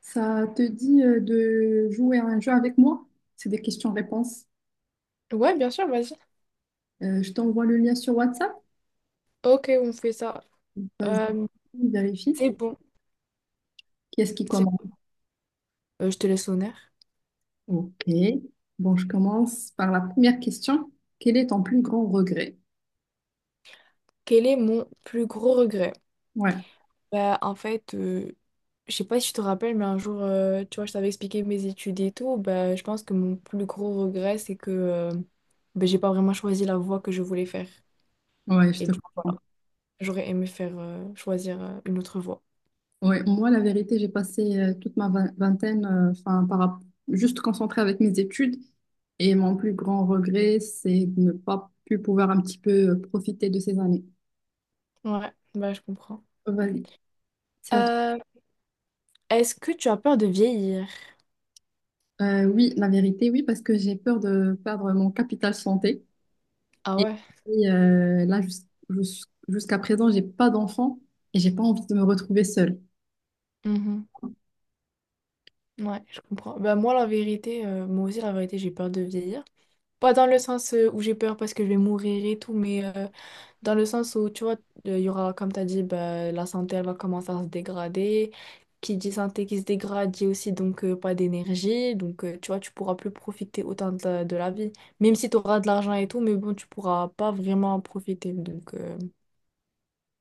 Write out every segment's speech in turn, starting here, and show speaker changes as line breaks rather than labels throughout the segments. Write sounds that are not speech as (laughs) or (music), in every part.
Ça te dit de jouer à un jeu avec moi? C'est des questions-réponses.
Ouais, bien sûr, vas-y.
Je t'envoie le lien sur WhatsApp.
Ok, on fait ça.
Vas-y,
Euh,
vérifie.
c'est bon.
Qui est-ce qui
C'est-
commence?
Je te laisse l'honneur.
Ok. Bon, je commence par la première question. Quel est ton plus grand regret?
Quel est mon plus gros regret?
Ouais,
Bah, en fait, je sais pas si tu te rappelles, mais un jour, tu vois, je t'avais expliqué mes études et tout. Bah, je pense que mon plus gros regret, c'est que bah, j'ai pas vraiment choisi la voie que je voulais faire.
ouais, je
Et
te
du-
comprends.
J'aurais aimé faire choisir une autre voie.
Ouais, moi, la vérité, j'ai passé toute ma vingtaine, enfin, juste concentrée avec mes études. Et mon plus grand regret, c'est de ne pas pu pouvoir un petit peu profiter de ces années.
Ouais, bah, je comprends.
Vas-y, c'est à toi.
Euh, Est-ce que tu as peur de vieillir?
Oui, la vérité, oui, parce que j'ai peur de perdre mon capital santé.
Ah
Et
ouais.
puis, là, jusqu'à présent, j'ai pas d'enfant et j'ai pas envie de me retrouver seule.
Mhm. Ouais, je comprends. Bah moi la vérité, moi aussi la vérité, j'ai peur de vieillir. Pas dans le sens où j'ai peur parce que je vais mourir et tout, mais dans le sens où tu vois, il y aura, comme tu as dit, bah, la santé elle va commencer à se dégrader. Qui dit santé qui se dégrade dit aussi donc pas d'énergie. Donc tu vois, tu pourras plus profiter autant de de la vie. Même si tu auras de l'argent et tout, mais bon, tu pourras pas vraiment en profiter. Donc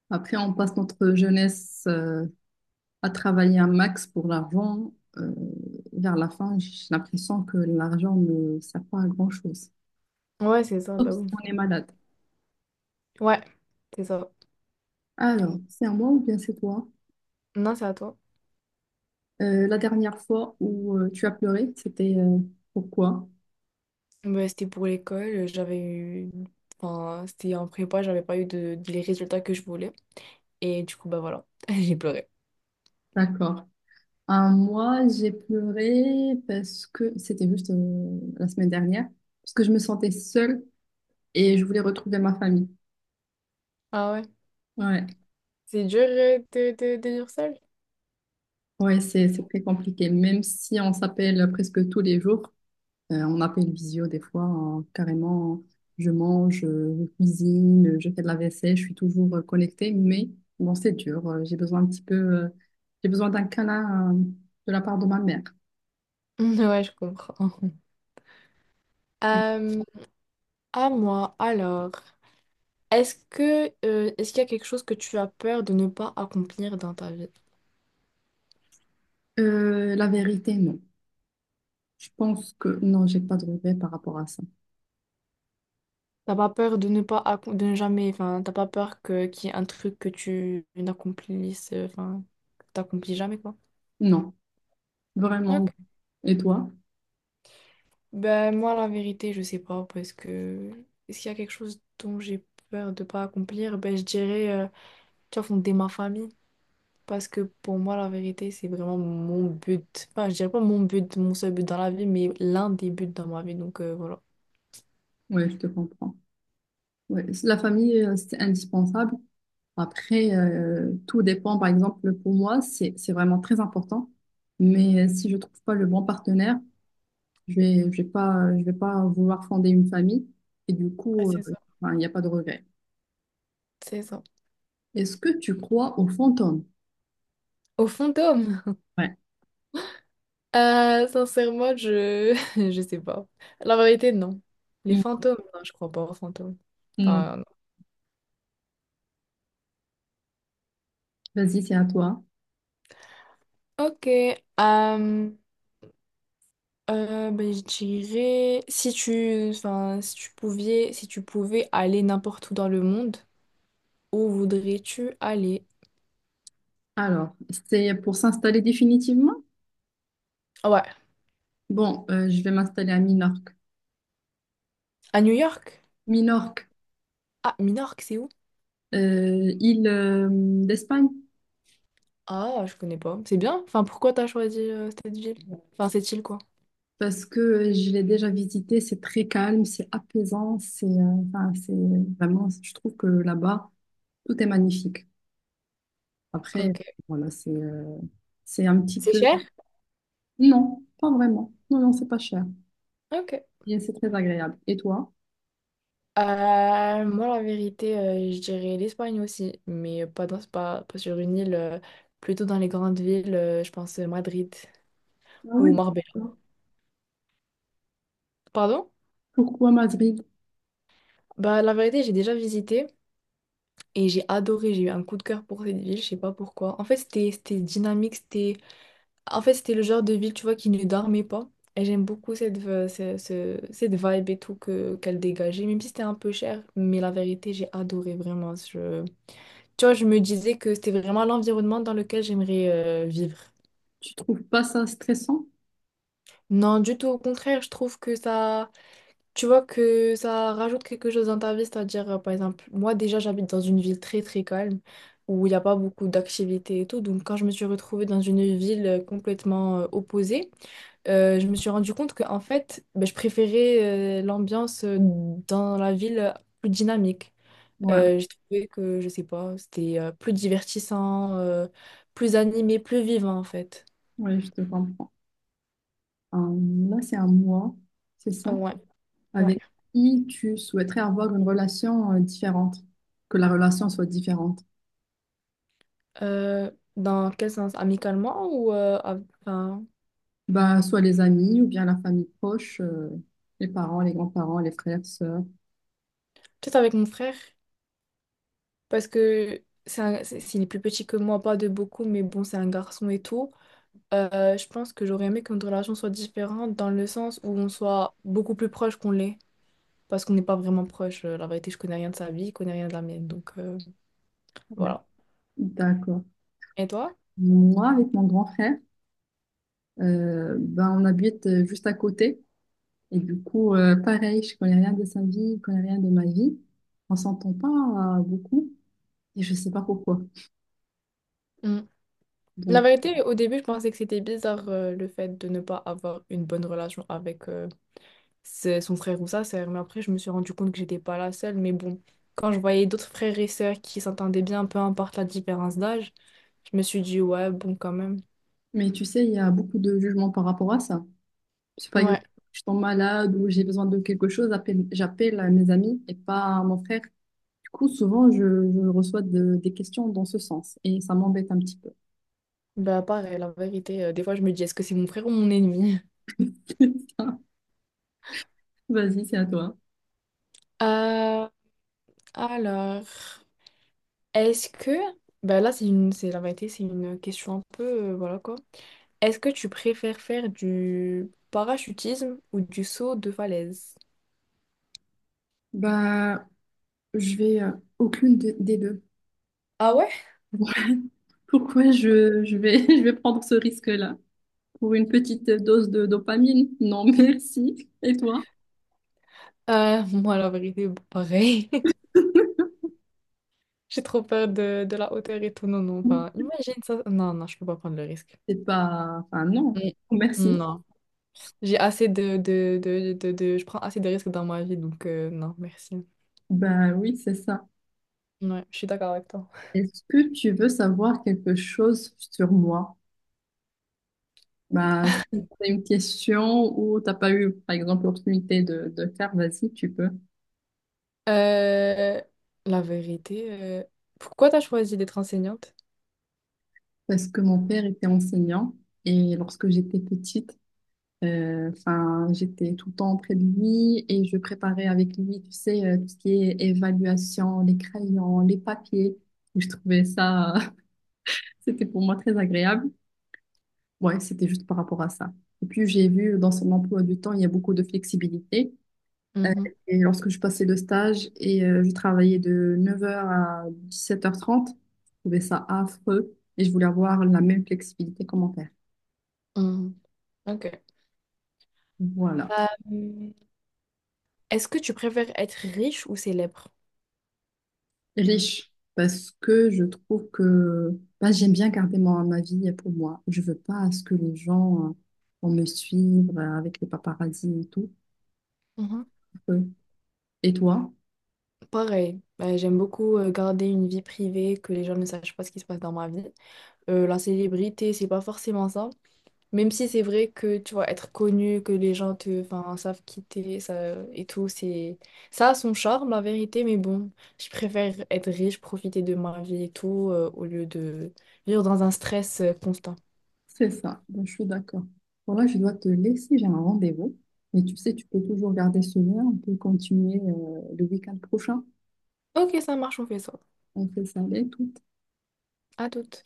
Après, on passe notre jeunesse à travailler un max pour l'argent. Vers la fin, j'ai l'impression que l'argent ne sert pas à grand-chose.
ouais, c'est ça,
Sauf
bah
si
oui.
on est malade.
Ouais, c'est ça.
Alors, c'est à moi ou bien c'est toi?
Non, c'est à toi.
La dernière fois où tu as pleuré, c'était pourquoi?
Bah, c'était pour l'école, j'avais eu... Enfin, c'était en prépa, j'avais pas eu de... les résultats que je voulais. Et du coup, bah voilà, (laughs) j'ai pleuré.
D'accord. Un mois, j'ai pleuré parce que c'était juste la semaine dernière, parce que je me sentais seule et je voulais retrouver ma famille.
Ah ouais,
Ouais,
c'est dur de dire seul. (laughs)
ouais, c'est très compliqué. Même si on s'appelle presque tous les jours, on appelle visio des fois, hein, carrément. Je mange, je cuisine, je fais de la vaisselle, je suis toujours connectée, mais bon, c'est dur. J'ai besoin un petit peu, j'ai besoin d'un câlin de la part de ma mère.
Ouais, je comprends. Euh, à moi, alors, est-ce que est-ce qu'il y a quelque chose que tu as peur de ne pas accomplir dans ta vie?
La vérité, non. Je pense que non, j'ai pas de regret par rapport à ça.
T'as pas peur de ne pas accom- De ne jamais, enfin, t'as pas peur que qu'il y ait un truc que tu n'accomplisses, enfin, que t'accomplis jamais quoi.
Non, vraiment. Et toi?
Ben, moi, la vérité, je sais pas, parce que est-ce qu'il y a quelque chose dont j'ai peur de pas accomplir? Ben, je dirais, tu vois, fonder ma famille, parce que pour moi, la vérité, c'est vraiment mon but. Enfin, je dirais pas mon but, mon seul but dans la vie, mais l'un des buts dans ma vie, donc voilà.
Ouais, je te comprends. Ouais, c'est- la famille, c'est indispensable. Après, tout dépend. Par exemple, pour moi, c'est vraiment très important. Mais si je trouve pas le bon partenaire, je vais pas vouloir fonder une famille. Et du
Ouais,
coup,
c'est ça.
enfin, il n'y a pas de regret.
C'est ça.
Est-ce que tu crois aux fantômes?
Au fond, d'homme.
Ouais.
Sincèrement, je... (laughs) je sais pas. La vérité, non. Les fantômes, non, je crois pas aux fantômes.
Non.
Enfin,
Vas-y, c'est à toi.
ok, ben, je dirais si tu, enfin, si tu pouvais, si tu pouvais aller n'importe où dans le monde, où voudrais-tu aller?
Alors, c'est pour s'installer définitivement?
Ah ouais,
Bon, je vais m'installer à Minorque.
à New York?
Minorque,
Ah, Minorque, c'est où?
île d'Espagne,
Ah, je connais pas. C'est bien. Enfin, pourquoi t'as choisi cette ville? Enfin, cette île quoi.
parce que je l'ai déjà visité, c'est très calme, c'est apaisant, c'est enfin, c'est vraiment, je trouve que là-bas, tout est magnifique. Après,
Ok.
voilà, c'est un petit
C'est
peu...
cher?
Non, pas vraiment. Non, non, c'est pas cher.
Ok.
Et c'est très agréable. Et toi?
Moi, la vérité, je dirais l'Espagne aussi, mais pas dans, pas, pas sur une île, plutôt dans les grandes villes. Euh, je pense Madrid
Ah
ou
oui.
Marbella. Pardon?
Pourquoi Madrid?
Bah, la vérité, j'ai déjà visité et j'ai adoré. J'ai eu un coup de cœur pour cette ville, je sais pas pourquoi. En fait, c'était dynamique, c'était en fait, c'était le genre de ville, tu vois, qui ne dormait pas. Et j'aime beaucoup cette, v- ce- ce- cette vibe et tout que, qu'elle dégageait, même si c'était un peu cher. Mais la vérité, j'ai adoré vraiment. Je... Tu vois, je me disais que c'était vraiment l'environnement dans lequel j'aimerais vivre.
Tu trouves pas ça stressant?
Non, du tout, au contraire, je trouve que ça. Tu vois que ça rajoute quelque chose dans ta vie, c'est-à-dire, par exemple, moi déjà j'habite dans une ville très très calme où il n'y a pas beaucoup d'activités et tout. Donc quand je me suis retrouvée dans une ville complètement opposée, je me suis rendu compte que en fait, ben, je préférais l'ambiance dans la ville plus dynamique.
Ouais,
J'ai trouvé que, je sais pas, c'était plus divertissant, plus animé, plus vivant en fait.
ouais, je te comprends. Euh, là, c'est un mois, c'est ça?
Ouais, ouais.
Avec qui tu souhaiterais avoir une relation différente, que la relation soit différente?
Euh, Dans quel sens? Amicalement ou enfin,
Ben, soit les amis ou bien la famille proche, les parents, les grands-parents, les frères, sœurs.
peut-être avec mon frère, parce que s'il est plus petit que moi, pas de beaucoup, mais bon, c'est un garçon et tout. Je pense que j'aurais aimé que notre relation soit différente dans le sens où on soit beaucoup plus proche qu'on l'est, parce qu'on n'est pas vraiment proche. La vérité, je connais rien de sa vie, il connaît rien de la mienne, donc voilà.
D'accord.
Et toi?
Moi, avec mon grand frère, ben, on habite juste à côté. Et du coup, pareil, je connais rien de sa vie, je connais rien de ma vie. On s'entend pas beaucoup et je sais pas pourquoi.
Mm. La
Donc,
vérité, au début, je pensais que c'était bizarre le fait de ne pas avoir une bonne relation avec, c'est son frère ou sa sœur. Mais après, je me suis rendu compte que j'étais pas la seule. Mais bon, quand je voyais d'autres frères et sœurs qui s'entendaient bien, peu importe la différence d'âge, je me suis dit, ouais, bon, quand même.
mais tu sais, il y a beaucoup de jugements par rapport à ça. Si par exemple,
Ouais,
je tombe malade ou j'ai besoin de quelque chose, j'appelle à mes amis et pas à mon frère. Du coup, souvent, je reçois des questions dans ce sens et ça m'embête un petit peu.
bah pareil, la vérité, des fois, je me dis, est-ce que c'est mon frère ou mon ennemi? (laughs)
(laughs) Vas-y, c'est à toi.
Euh, alors, est-ce que... Bah là, c'est la vérité, c'est une question un peu, voilà quoi. Est-ce que tu préfères faire du parachutisme ou du saut de falaise?
Bah, je vais aucune des deux. (laughs)
Ah ouais?
Ouais. Pourquoi je vais, (laughs) je vais prendre ce risque-là? Pour une petite dose de dopamine? Non, (laughs) merci. Et toi?
(laughs) Moi, la vérité, pareil. (laughs) J'ai trop peur de la hauteur et tout. Non, non, enfin, imagine ça. Non, non, je peux pas prendre le risque.
C'est pas... Enfin, non.
Mm.
Merci.
Non. J'ai assez je prends assez de risques dans ma vie, donc non, merci.
Bah oui, c'est ça.
Ouais, je suis d'accord avec toi.
Est-ce que tu veux savoir quelque chose sur moi? Bah, tu peux poser une question ou t'as pas eu, par exemple, l'opportunité de faire, vas-y, tu peux.
Euh, la vérité, pourquoi t'as choisi d'être enseignante?
Parce que mon père était enseignant et lorsque j'étais petite, enfin, j'étais tout le temps près de lui et je préparais avec lui, tu sais, tout ce qui est évaluation, les crayons, les papiers. Et je trouvais ça, (laughs) c'était pour moi très agréable. Ouais, c'était juste par rapport à ça. Et puis, j'ai vu dans son emploi du temps, il y a beaucoup de flexibilité. Euh,
Mhm,
et lorsque je passais le stage et je travaillais de 9 heures à 17h30, je trouvais ça affreux et je voulais avoir la même flexibilité comment faire.
mhm. Ok.
Voilà.
Euh, Est-ce que tu préfères être riche ou célèbre?
Riche, parce que je trouve que bah, j'aime bien garder ma, ma vie pour moi. Je veux pas à ce que les gens vont me suivre avec les paparazzis et tout.
Mhm.
Euh, Et toi?
Pareil. J'aime beaucoup garder une vie privée, que les gens ne sachent pas ce qui se passe dans ma vie. La célébrité, c'est pas forcément ça. Même si c'est vrai que tu vois, être connu, que les gens te, enfin, savent qui t'es, ça et tout, c'est ça a son charme, la vérité, mais bon, je préfère être riche, profiter de ma vie et tout, au lieu de vivre dans un stress constant.
C'est ça, donc je suis d'accord. Bon là, je dois te laisser, j'ai un rendez-vous. Mais tu sais, tu peux toujours garder ce lien, on peut continuer le week-end prochain.
Ok, ça marche, on fait ça.
On fait ça avec. Ou-
À toute.